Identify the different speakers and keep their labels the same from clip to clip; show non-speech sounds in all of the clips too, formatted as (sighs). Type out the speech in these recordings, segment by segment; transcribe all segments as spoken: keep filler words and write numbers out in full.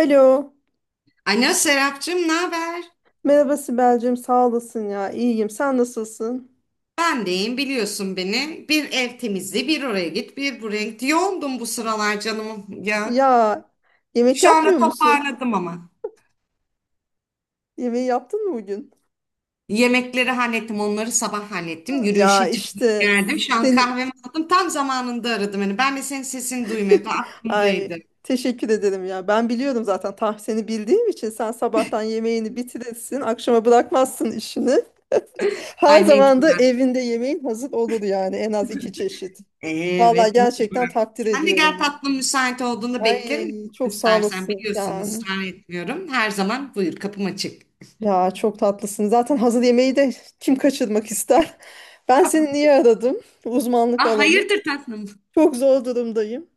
Speaker 1: Alo.
Speaker 2: Alo Serapcığım, ne haber?
Speaker 1: Merhaba Sibel'cim. Sağ olasın ya. İyiyim. Sen nasılsın?
Speaker 2: Ben deyim biliyorsun beni. Bir ev temizliği, bir oraya git, bir buraya git. Yoğundum bu sıralar canım ya.
Speaker 1: Ya yemek
Speaker 2: Şu anda
Speaker 1: yapmıyor musun?
Speaker 2: toparladım ama.
Speaker 1: (laughs) Yemeği yaptın mı bugün?
Speaker 2: Yemekleri hallettim, onları sabah hallettim.
Speaker 1: Ya
Speaker 2: Yürüyüşe çıktım,
Speaker 1: işte
Speaker 2: geldim. Şu an
Speaker 1: seni
Speaker 2: kahvemi aldım. Tam zamanında aradım beni. Ben de senin sesini duymuyordum.
Speaker 1: (laughs) ay
Speaker 2: Aklımdaydı.
Speaker 1: teşekkür ederim ya. Ben biliyorum zaten tam seni bildiğim için sen sabahtan yemeğini bitirirsin, akşama bırakmazsın işini. (laughs) Her
Speaker 2: Ay
Speaker 1: zaman da
Speaker 2: mecburen.
Speaker 1: evinde yemeğin hazır olur yani en az iki çeşit. Vallahi
Speaker 2: Evet,
Speaker 1: gerçekten
Speaker 2: mecburen.
Speaker 1: takdir
Speaker 2: Sen de gel
Speaker 1: ediyorum.
Speaker 2: tatlım müsait olduğunda beklerim.
Speaker 1: Ay çok sağ
Speaker 2: İstersen
Speaker 1: olasın
Speaker 2: biliyorsun
Speaker 1: yani.
Speaker 2: ısrar etmiyorum. Her zaman buyur kapım açık.
Speaker 1: Ya çok tatlısın. Zaten hazır yemeği de kim kaçırmak ister? (laughs) Ben seni niye aradım? Uzmanlık
Speaker 2: Ah
Speaker 1: alanı.
Speaker 2: hayırdır tatlım?
Speaker 1: Çok zor durumdayım.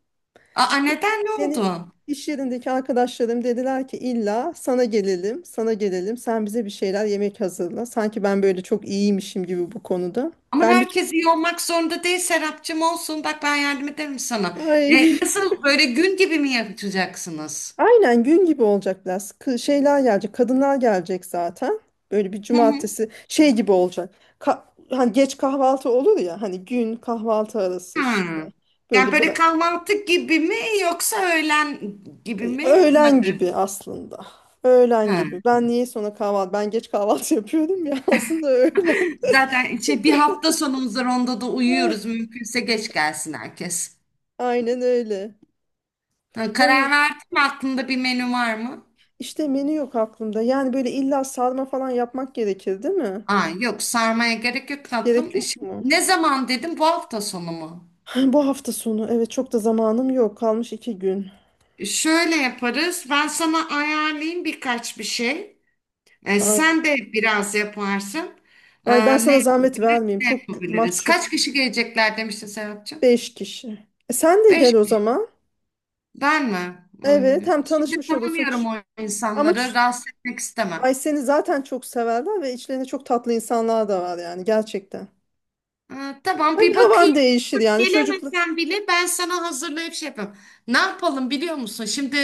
Speaker 2: Aa, neden ne
Speaker 1: Benim
Speaker 2: oldu?
Speaker 1: iş yerindeki arkadaşlarım dediler ki illa sana gelelim, sana gelelim. Sen bize bir şeyler yemek hazırla. Sanki ben böyle çok iyiymişim gibi bu konuda.
Speaker 2: Ama
Speaker 1: Ben bir
Speaker 2: herkes iyi olmak zorunda değil Serapcığım olsun. Bak ben yardım ederim sana.
Speaker 1: ay
Speaker 2: E,
Speaker 1: (laughs)
Speaker 2: nasıl böyle gün gibi mi yapacaksınız?
Speaker 1: aynen gün gibi olacak biraz. Kı- şeyler gelecek, kadınlar gelecek zaten. Böyle bir
Speaker 2: Hı hı.
Speaker 1: cumartesi şey gibi olacak. Ka- Hani geç kahvaltı olur ya hani gün kahvaltı arası işte.
Speaker 2: Hmm. Yani
Speaker 1: Böyle bir
Speaker 2: böyle kahvaltı gibi mi yoksa öğlen gibi
Speaker 1: e,
Speaker 2: mi? Ona
Speaker 1: öğlen
Speaker 2: göre.
Speaker 1: gibi aslında. Öğlen
Speaker 2: Ha.
Speaker 1: gibi. Ben niye sonra kahvaltı? Ben geç kahvaltı (laughs) yapıyorum ya aslında öğlen. (laughs)
Speaker 2: Zaten şey, bir hafta sonumuz var onda da
Speaker 1: Ah,
Speaker 2: uyuyoruz. Mümkünse geç gelsin herkes.
Speaker 1: aynen öyle.
Speaker 2: Ha,
Speaker 1: O
Speaker 2: karar
Speaker 1: yüzden
Speaker 2: verdin mi? Aklında bir menü var mı?
Speaker 1: işte menü yok aklımda. Yani böyle illa sarma falan yapmak gerekir, değil mi?
Speaker 2: Aa, yok sarmaya gerek yok
Speaker 1: Gerek
Speaker 2: tatlım. E,
Speaker 1: yok
Speaker 2: şimdi
Speaker 1: mu?
Speaker 2: ne zaman dedim? Bu hafta sonu mu?
Speaker 1: (sighs) Bu hafta sonu. Evet çok da zamanım yok. Kalmış iki gün.
Speaker 2: Şöyle yaparız. Ben sana ayarlayayım birkaç bir şey. E,
Speaker 1: Ay,
Speaker 2: sen de biraz yaparsın. E,
Speaker 1: ay ben
Speaker 2: ne
Speaker 1: sana zahmet
Speaker 2: yapabiliriz,
Speaker 1: vermeyeyim.
Speaker 2: ne
Speaker 1: Çok
Speaker 2: yapabiliriz?
Speaker 1: mahcup.
Speaker 2: Kaç kişi gelecekler demiştin Serapcığım?
Speaker 1: Beş kişi. E sen de
Speaker 2: Beş
Speaker 1: gel o
Speaker 2: kişi.
Speaker 1: zaman.
Speaker 2: Ben mi?
Speaker 1: Evet
Speaker 2: Ay,
Speaker 1: hem
Speaker 2: şimdi
Speaker 1: tanışmış olursun.
Speaker 2: tanımıyorum
Speaker 1: Ç-
Speaker 2: o
Speaker 1: Ama
Speaker 2: insanları.
Speaker 1: ç-
Speaker 2: Rahatsız etmek istemem.
Speaker 1: ay seni zaten çok severler ve içlerinde çok tatlı insanlar da var yani gerçekten.
Speaker 2: E, tamam
Speaker 1: Tabii
Speaker 2: bir bakayım.
Speaker 1: havan değişir yani çocuklu.
Speaker 2: Gelemesen bile ben sana hazırlayıp şey yapayım. Ne yapalım biliyor musun? Şimdi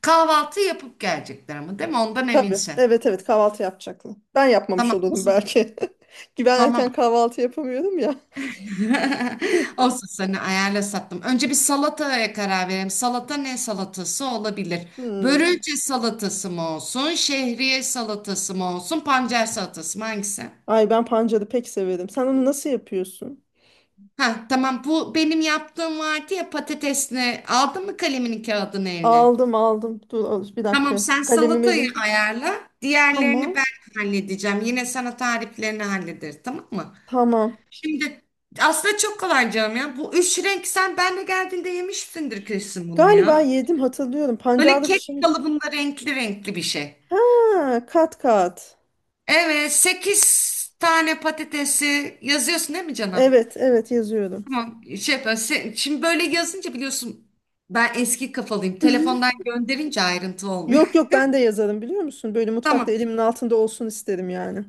Speaker 2: kahvaltı yapıp gelecekler ama değil mi? Ondan
Speaker 1: Tabii
Speaker 2: eminsin.
Speaker 1: evet evet kahvaltı yapacaklar. Ben yapmamış
Speaker 2: Tamam.
Speaker 1: olurum belki. (laughs) Ki ben erken
Speaker 2: Tamam.
Speaker 1: kahvaltı yapamıyorum ya.
Speaker 2: (laughs) Olsun sana ayarla sattım. Önce bir salataya karar verelim. Salata ne salatası olabilir?
Speaker 1: Hmm.
Speaker 2: Börülce salatası mı olsun? Şehriye salatası mı olsun? Pancar salatası mı? Hangisi?
Speaker 1: Ay ben pancarı pek severim. Sen onu nasıl yapıyorsun?
Speaker 2: Ha tamam bu benim yaptığım vardı ya patatesini. Aldın mı kalemini kağıdını eline?
Speaker 1: Aldım aldım. Dur al- bir
Speaker 2: Tamam
Speaker 1: dakika.
Speaker 2: sen
Speaker 1: Kalemim
Speaker 2: salatayı
Speaker 1: elimde.
Speaker 2: ayarla. Diğerlerini
Speaker 1: Tamam.
Speaker 2: ben halledeceğim. Yine sana tariflerini hallederiz tamam mı?
Speaker 1: Tamam.
Speaker 2: Şimdi aslında çok kolay canım ya. Bu üç renk sen benle geldiğinde yemişsindir kesin bunu
Speaker 1: Galiba
Speaker 2: ya.
Speaker 1: yedim hatırlıyorum.
Speaker 2: Böyle
Speaker 1: Pancarlı bir
Speaker 2: kek
Speaker 1: şey.
Speaker 2: kalıbında renkli renkli bir şey.
Speaker 1: Ha, kat kat.
Speaker 2: Evet, sekiz tane patatesi yazıyorsun değil mi canım?
Speaker 1: Evet, evet yazıyorum.
Speaker 2: Tamam, şey yapıyorum. Se- Şimdi böyle yazınca biliyorsun ben eski kafalıyım. Telefondan gönderince ayrıntı
Speaker 1: Yok
Speaker 2: olmuyor.
Speaker 1: yok ben de yazarım biliyor musun? Böyle
Speaker 2: (laughs)
Speaker 1: mutfakta
Speaker 2: Tamam,
Speaker 1: elimin altında olsun isterim yani.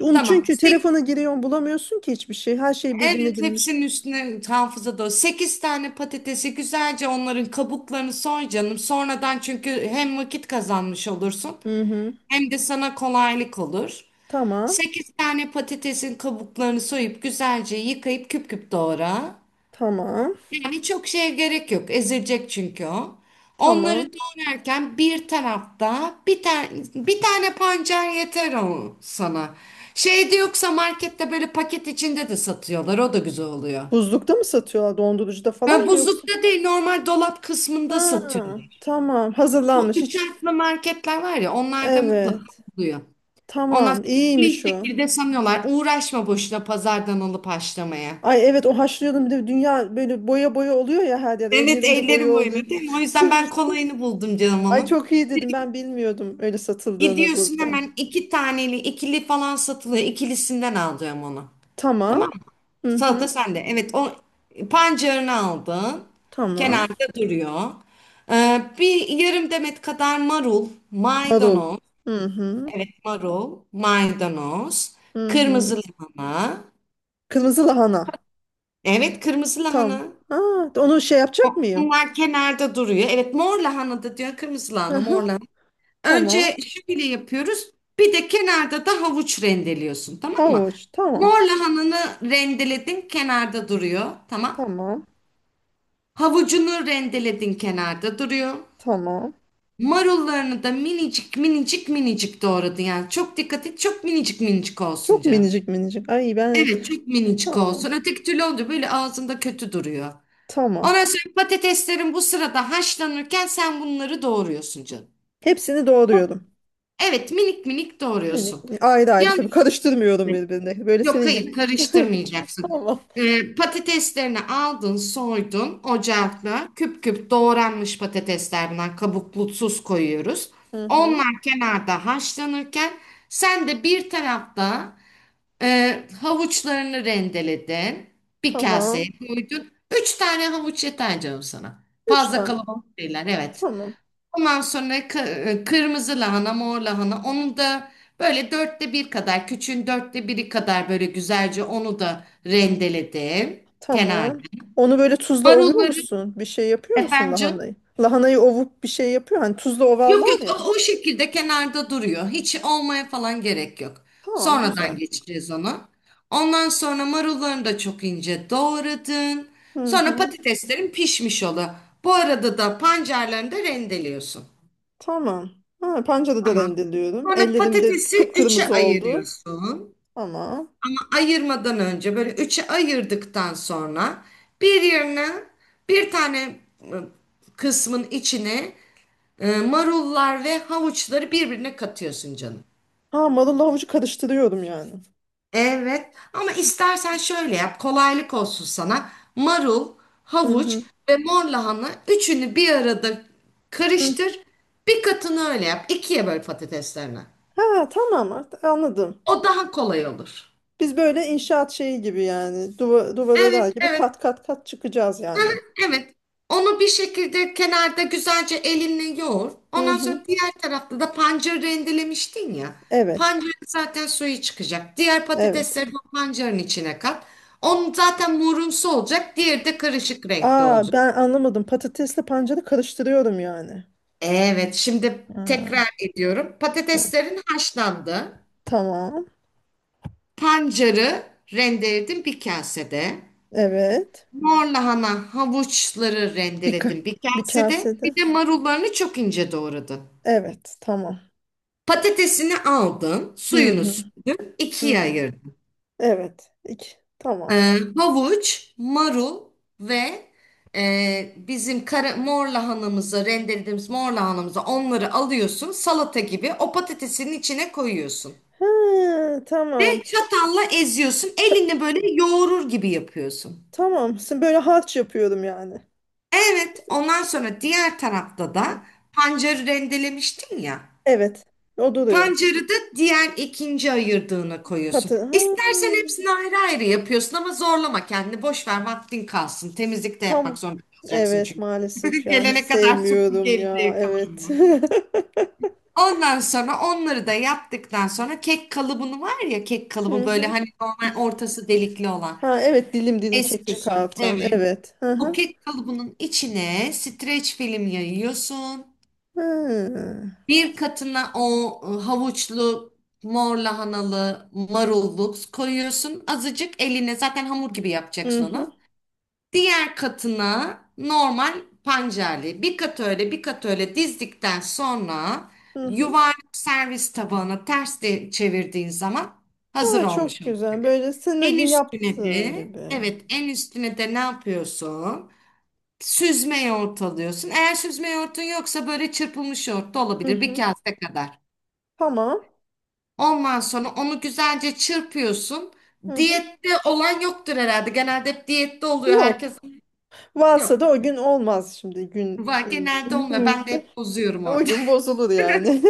Speaker 1: Onu
Speaker 2: tamam.
Speaker 1: çünkü
Speaker 2: Sek
Speaker 1: telefona giriyorsun bulamıyorsun ki hiçbir şey. Her şey birbirine
Speaker 2: evet,
Speaker 1: girmiş.
Speaker 2: hepsinin üstüne hafıza da sekiz tane patatesi güzelce onların kabuklarını soy canım. Sonradan çünkü hem vakit kazanmış olursun
Speaker 1: Hı hı.
Speaker 2: hem de sana kolaylık olur.
Speaker 1: Tamam.
Speaker 2: sekiz tane patatesin kabuklarını soyup güzelce yıkayıp küp küp doğra.
Speaker 1: Tamam.
Speaker 2: Yani çok şeye gerek yok. Ezilecek çünkü o. Onları
Speaker 1: Tamam.
Speaker 2: doğrarken bir tarafta bir tane bir tane pancar yeter o sana. Şeyde yoksa markette böyle paket içinde de satıyorlar. O da güzel oluyor.
Speaker 1: Buzlukta mı satıyorlar? Dondurucuda falan
Speaker 2: Ben
Speaker 1: mı yoksa?
Speaker 2: buzlukta değil normal dolap kısmında
Speaker 1: Ha,
Speaker 2: satıyorlar.
Speaker 1: tamam.
Speaker 2: Bu
Speaker 1: Hazırlanmış
Speaker 2: üç
Speaker 1: hiç.
Speaker 2: harfli marketler var ya onlarda mutlaka
Speaker 1: Evet.
Speaker 2: oluyor. Ondan
Speaker 1: Tamam.
Speaker 2: sonra bir
Speaker 1: İyiymiş o.
Speaker 2: şekilde sanıyorlar. Uğraşma boşuna pazardan alıp haşlamaya.
Speaker 1: Ay evet o haşlıyordum bir de dünya böyle boya boya oluyor ya her yer
Speaker 2: Evet
Speaker 1: ellerinde boya
Speaker 2: ellerim
Speaker 1: oluyor.
Speaker 2: oyunu değil mi? O yüzden
Speaker 1: (laughs)
Speaker 2: ben kolayını buldum canım
Speaker 1: Ay
Speaker 2: onun.
Speaker 1: çok iyi dedim ben bilmiyordum öyle satıldığını
Speaker 2: Gidiyorsun
Speaker 1: burada.
Speaker 2: hemen iki taneli, ikili falan satılıyor. İkilisinden alacağım onu. Tamam
Speaker 1: Tamam.
Speaker 2: mı?
Speaker 1: Hı
Speaker 2: Salata
Speaker 1: hı.
Speaker 2: sende. Evet o pancarını aldın.
Speaker 1: Tamam.
Speaker 2: Kenarda duruyor. Ee, bir yarım demet kadar marul,
Speaker 1: Marul.
Speaker 2: maydanoz.
Speaker 1: Hı hı.
Speaker 2: Evet marul, maydanoz.
Speaker 1: Hı
Speaker 2: Kırmızı
Speaker 1: hı.
Speaker 2: lahana.
Speaker 1: Kırmızı lahana.
Speaker 2: Evet kırmızı
Speaker 1: Tamam.
Speaker 2: lahana.
Speaker 1: Ha, onu şey yapacak mıyım?
Speaker 2: Bunlar kenarda duruyor. Evet mor lahana da diyor kırmızı
Speaker 1: Hı
Speaker 2: lahana mor
Speaker 1: hı.
Speaker 2: lahana.
Speaker 1: Tamam.
Speaker 2: Önce şöyle yapıyoruz. Bir de kenarda da havuç rendeliyorsun tamam mı?
Speaker 1: Havuç. Tamam.
Speaker 2: Mor lahananı rendeledin kenarda duruyor tamam.
Speaker 1: Tamam.
Speaker 2: Havucunu rendeledin kenarda duruyor.
Speaker 1: Tamam.
Speaker 2: Marullarını da minicik minicik minicik doğradın yani. Çok dikkat et çok minicik minicik olsun
Speaker 1: Çok
Speaker 2: canım.
Speaker 1: minicik minicik. Ay ben
Speaker 2: Evet çok minicik
Speaker 1: tamam.
Speaker 2: olsun. Öteki türlü olunca böyle ağzında kötü duruyor.
Speaker 1: Tamam.
Speaker 2: Ondan sonra patateslerin bu sırada haşlanırken sen bunları doğruyorsun canım.
Speaker 1: Hepsini doğruyorum.
Speaker 2: Evet minik minik
Speaker 1: Yani
Speaker 2: doğruyorsun.
Speaker 1: ayrı ayrı tabii
Speaker 2: Yanlış.
Speaker 1: karıştırmıyorum birbirine. Böyle
Speaker 2: Yok
Speaker 1: senin
Speaker 2: hayır
Speaker 1: gibi. (laughs)
Speaker 2: karıştırmayacaksın.
Speaker 1: Tamam.
Speaker 2: Ee, patateslerini aldın soydun ocakla küp küp doğranmış patateslerden kabuklusuz koyuyoruz.
Speaker 1: Hı hı.
Speaker 2: Onlar kenarda haşlanırken sen de bir tarafta e, havuçlarını rendeledin. Bir kaseye
Speaker 1: Tamam.
Speaker 2: koydun. Üç tane havuç yeter canım sana.
Speaker 1: Üç
Speaker 2: Fazla
Speaker 1: tane.
Speaker 2: kalabalık değiller evet.
Speaker 1: Tamam.
Speaker 2: Ondan sonra k- e, kırmızı lahana, mor lahana. Onu da böyle dörtte bir kadar, küçüğün dörtte biri kadar böyle güzelce onu da rendeledim kenarda.
Speaker 1: Tamam. Onu böyle tuzla ovuyor
Speaker 2: Marulları
Speaker 1: musun? Bir şey yapıyor musun
Speaker 2: efendim.
Speaker 1: lahanayı? Lahanayı ovup bir şey yapıyor. Hani tuzla
Speaker 2: Yok yok
Speaker 1: ovarlar ya.
Speaker 2: o, o şekilde kenarda duruyor. Hiç olmaya falan gerek yok.
Speaker 1: Tamam
Speaker 2: Sonradan
Speaker 1: güzel.
Speaker 2: geçeceğiz onu. Ondan sonra marullarını da çok ince doğradın.
Speaker 1: Hı
Speaker 2: Sonra
Speaker 1: hı.
Speaker 2: patateslerin pişmiş olu. Bu arada da pancarlarını da rendeliyorsun.
Speaker 1: Tamam. Ha, pancarı da
Speaker 2: Tamam.
Speaker 1: rendeliyorum.
Speaker 2: Sonra
Speaker 1: Ellerimde
Speaker 2: patatesi üçe
Speaker 1: kıpkırmızı oldu.
Speaker 2: ayırıyorsun.
Speaker 1: Tamam.
Speaker 2: Ama ayırmadan önce böyle üçe ayırdıktan sonra bir yerine bir tane e, kısmın içine e, marullar ve havuçları birbirine katıyorsun canım.
Speaker 1: Ha marulla havucu karıştırıyorum yani.
Speaker 2: Evet ama istersen şöyle yap kolaylık olsun sana. Marul,
Speaker 1: Hı
Speaker 2: havuç
Speaker 1: hı.
Speaker 2: ve mor lahana üçünü bir arada
Speaker 1: Hı.
Speaker 2: karıştır. Bir katını öyle yap. İkiye böl patateslerini.
Speaker 1: Ha tamam artık anladım.
Speaker 2: O daha kolay olur.
Speaker 1: Biz böyle inşaat şeyi gibi yani duva, duvar örer
Speaker 2: Evet,
Speaker 1: gibi
Speaker 2: evet.
Speaker 1: kat kat kat çıkacağız yani.
Speaker 2: Evet. Onu bir şekilde kenarda güzelce elinle yoğur.
Speaker 1: Hı
Speaker 2: Ondan
Speaker 1: hı.
Speaker 2: sonra diğer tarafta da pancarı rendelemiştin ya.
Speaker 1: Evet.
Speaker 2: Pancarın zaten suyu çıkacak. Diğer patatesleri
Speaker 1: Evet.
Speaker 2: de o pancarın içine kat. Onun zaten morumsu olacak. Diğeri de karışık renkte
Speaker 1: Aa
Speaker 2: olacak.
Speaker 1: ben anlamadım. Patatesle pancarı karıştırıyorum yani.
Speaker 2: Evet, şimdi
Speaker 1: Ha,
Speaker 2: tekrar ediyorum.
Speaker 1: hı.
Speaker 2: Patateslerin haşlandı.
Speaker 1: Tamam.
Speaker 2: Pancarı rendeledim bir kasede.
Speaker 1: Evet.
Speaker 2: Mor lahana havuçları
Speaker 1: Bir, ka-
Speaker 2: rendeledim bir
Speaker 1: Bir
Speaker 2: kasede.
Speaker 1: kasede.
Speaker 2: Bir de marullarını çok ince doğradın.
Speaker 1: Evet. Tamam.
Speaker 2: Patatesini aldın,
Speaker 1: Hı
Speaker 2: suyunu
Speaker 1: hı.
Speaker 2: sürdün,
Speaker 1: Hı.
Speaker 2: ikiye ayırdın.
Speaker 1: Evet. İki. Tamam.
Speaker 2: Ee, havuç, marul ve e, bizim kara, mor lahanamızı, rendelediğimiz mor lahanamızı onları alıyorsun. Salata gibi o patatesinin içine koyuyorsun.
Speaker 1: Ha, tamam.
Speaker 2: Ve çatalla eziyorsun.
Speaker 1: Ça-
Speaker 2: Elini böyle yoğurur gibi yapıyorsun.
Speaker 1: tamam. Şimdi böyle harç yapıyorum yani.
Speaker 2: Evet, ondan sonra diğer tarafta da pancarı rendelemiştin ya.
Speaker 1: Evet. O duruyor.
Speaker 2: Pancarı da diğer ikinci ayırdığına koyuyorsun.
Speaker 1: Patı. Ha.
Speaker 2: İstersen hepsini ayrı ayrı yapıyorsun ama zorlama kendini. Boş ver vaktin kalsın. Temizlik de
Speaker 1: Tam
Speaker 2: yapmak zorunda kalacaksın
Speaker 1: evet
Speaker 2: çünkü.
Speaker 1: maalesef
Speaker 2: (laughs)
Speaker 1: ya hiç
Speaker 2: Gelene kadar
Speaker 1: sevmiyorum
Speaker 2: süpürgeyle
Speaker 1: ya evet.
Speaker 2: yıkamanı.
Speaker 1: (laughs)
Speaker 2: Ondan sonra onları da yaptıktan sonra kek kalıbını var ya kek
Speaker 1: Hı
Speaker 2: kalıbı böyle
Speaker 1: hı.
Speaker 2: hani normal
Speaker 1: Dil...
Speaker 2: ortası delikli olan.
Speaker 1: Ha evet dilim dilim kek
Speaker 2: Eski
Speaker 1: çıkartan
Speaker 2: Evet.
Speaker 1: evet. Hı
Speaker 2: O
Speaker 1: hı.
Speaker 2: kek kalıbının içine streç film yayıyorsun.
Speaker 1: Hı hı.
Speaker 2: Bir katına o e, havuçlu, mor lahanalı, marulluk koyuyorsun. Azıcık eline zaten hamur gibi yapacaksın
Speaker 1: Hı
Speaker 2: onu. Diğer katına normal pancarlı. Bir kat öyle bir kat öyle dizdikten sonra
Speaker 1: hı. Hı.
Speaker 2: yuvarlak servis tabağına ters de çevirdiğin zaman hazır
Speaker 1: Aa,
Speaker 2: olmuş
Speaker 1: çok
Speaker 2: olur.
Speaker 1: güzel. Böyle senin o
Speaker 2: En
Speaker 1: gün
Speaker 2: üstüne
Speaker 1: yaptığın
Speaker 2: de
Speaker 1: gibi.
Speaker 2: evet en üstüne de ne yapıyorsun? Süzme yoğurt alıyorsun. Eğer süzme yoğurtun yoksa böyle çırpılmış yoğurt da
Speaker 1: Hı
Speaker 2: olabilir bir
Speaker 1: hı.
Speaker 2: kase kadar.
Speaker 1: Tamam.
Speaker 2: Ondan sonra onu güzelce çırpıyorsun.
Speaker 1: Hı hı.
Speaker 2: Diyette olan yoktur herhalde. Genelde hep diyette oluyor
Speaker 1: Yok.
Speaker 2: herkes.
Speaker 1: Varsa
Speaker 2: Yok.
Speaker 1: da o gün olmaz şimdi gün
Speaker 2: Var
Speaker 1: gün.
Speaker 2: genelde olmuyor. Ben de
Speaker 1: (laughs)
Speaker 2: hep bozuyorum
Speaker 1: O
Speaker 2: orada.
Speaker 1: gün bozulur yani.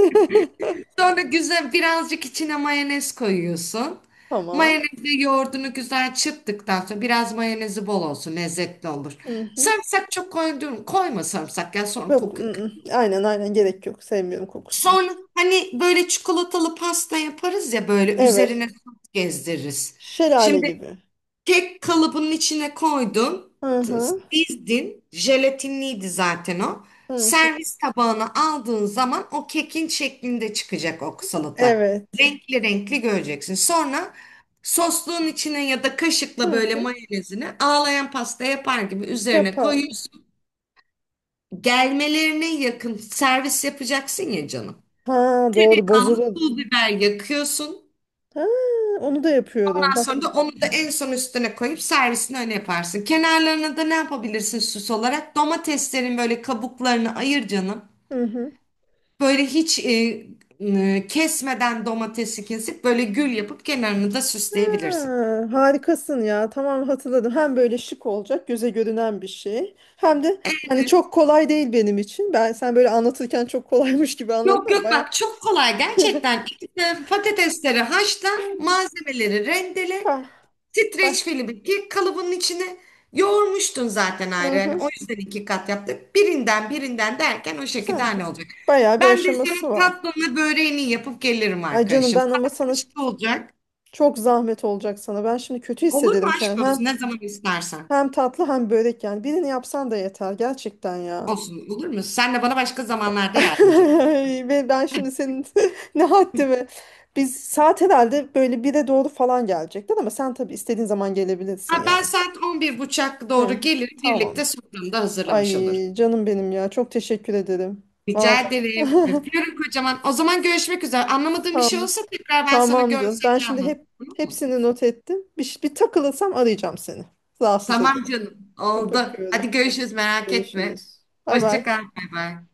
Speaker 2: (laughs) Sonra güzel birazcık içine mayonez koyuyorsun.
Speaker 1: (laughs) Tamam.
Speaker 2: Mayonezi yoğurdunu güzel çırptıktan sonra biraz mayonezi bol olsun lezzetli olur.
Speaker 1: Hı hı.
Speaker 2: Sarımsak çok koydun, koyma sarımsak ya sonra
Speaker 1: Yok. I,
Speaker 2: kokuyor.
Speaker 1: ı. Aynen aynen gerek yok. Sevmiyorum kokusunu.
Speaker 2: Sonra hani böyle çikolatalı pasta yaparız ya böyle
Speaker 1: Evet.
Speaker 2: üzerine sos gezdiririz.
Speaker 1: Şelale
Speaker 2: Şimdi
Speaker 1: gibi.
Speaker 2: kek kalıbının içine koydun,
Speaker 1: Hı
Speaker 2: t-
Speaker 1: hı.
Speaker 2: dizdin, jelatinliydi zaten o.
Speaker 1: Hı hı.
Speaker 2: Servis tabağına aldığın zaman o kekin şeklinde çıkacak o salata.
Speaker 1: Evet.
Speaker 2: Renkli renkli göreceksin. Sonra sosluğun içine ya da
Speaker 1: Hı
Speaker 2: kaşıkla böyle
Speaker 1: hı.
Speaker 2: mayonezini ağlayan pasta yapar gibi üzerine
Speaker 1: Yapan.
Speaker 2: koyuyorsun. Gelmelerine yakın servis yapacaksın ya canım.
Speaker 1: Ha doğru
Speaker 2: Kanlı
Speaker 1: bozulun.
Speaker 2: pul biber yakıyorsun.
Speaker 1: Ha, onu da yapıyordum.
Speaker 2: Ondan
Speaker 1: Bak.
Speaker 2: sonra da onu da en son üstüne koyup servisini öyle yaparsın. Kenarlarına da ne yapabilirsin süs olarak? Domateslerin böyle kabuklarını ayır canım.
Speaker 1: Hı hı.
Speaker 2: Böyle hiç e, e, kesmeden domatesi kesip böyle gül yapıp kenarını da
Speaker 1: Ha,
Speaker 2: süsleyebilirsin.
Speaker 1: harikasın ya. Tamam hatırladım. Hem böyle şık olacak, göze görünen bir şey. Hem de yani çok kolay değil benim için. Ben sen böyle anlatırken çok kolaymış gibi anlattın
Speaker 2: Yok
Speaker 1: ama
Speaker 2: yok
Speaker 1: baya
Speaker 2: bak çok kolay gerçekten. İşte patatesleri haşla, malzemeleri rendele.
Speaker 1: bah,
Speaker 2: Streç
Speaker 1: bah.
Speaker 2: film iki kalıbının içine yoğurmuştun zaten
Speaker 1: Hı
Speaker 2: ayrı. Yani
Speaker 1: hı.
Speaker 2: o yüzden iki kat yaptık. Birinden birinden derken o şekilde
Speaker 1: Yani
Speaker 2: hani olacak.
Speaker 1: bayağı bir
Speaker 2: Ben de
Speaker 1: aşaması
Speaker 2: senin
Speaker 1: var.
Speaker 2: tatlını böreğini yapıp gelirim
Speaker 1: Ay canım
Speaker 2: arkadaşım.
Speaker 1: ben ama
Speaker 2: Saat
Speaker 1: sana
Speaker 2: kaçta olacak?
Speaker 1: çok zahmet olacak sana. Ben şimdi kötü
Speaker 2: Olur mu
Speaker 1: hissederim
Speaker 2: aşk
Speaker 1: kendimi.
Speaker 2: olsun? Ne zaman istersen.
Speaker 1: Hem tatlı hem börek yani. Birini yapsan da yeter gerçekten ya.
Speaker 2: Olsun olur mu? Sen de bana başka zamanlarda yardımcı ol.
Speaker 1: (laughs) Ve ben şimdi senin (laughs) ne haddime. Biz saat herhalde böyle bire doğru falan gelecekler ama sen tabii istediğin zaman gelebilirsin
Speaker 2: Ha, ben
Speaker 1: yani.
Speaker 2: saat on bir buçuk doğru
Speaker 1: Hı,
Speaker 2: gelirim.
Speaker 1: tamam.
Speaker 2: Birlikte sofranı da
Speaker 1: Ay
Speaker 2: hazırlamış olur.
Speaker 1: canım benim ya. Çok teşekkür ederim.
Speaker 2: Rica
Speaker 1: Vallahi.
Speaker 2: ederim.
Speaker 1: (laughs)
Speaker 2: Öpüyorum kocaman. O zaman görüşmek üzere. Anlamadığın bir şey
Speaker 1: Tamam.
Speaker 2: olsa tekrar ben sana
Speaker 1: Tamamdır. Ben
Speaker 2: görselini
Speaker 1: şimdi
Speaker 2: anlatırım.
Speaker 1: hep
Speaker 2: Olur mu?
Speaker 1: hepsini not ettim. Bir, ş- bir takılırsam arayacağım seni. Rahatsız
Speaker 2: Tamam
Speaker 1: ederim.
Speaker 2: canım.
Speaker 1: Çok
Speaker 2: Oldu.
Speaker 1: öpüyorum.
Speaker 2: Hadi görüşürüz merak etme.
Speaker 1: Görüşürüz. Bay
Speaker 2: Hoşça kal.
Speaker 1: bay.
Speaker 2: Bay bay.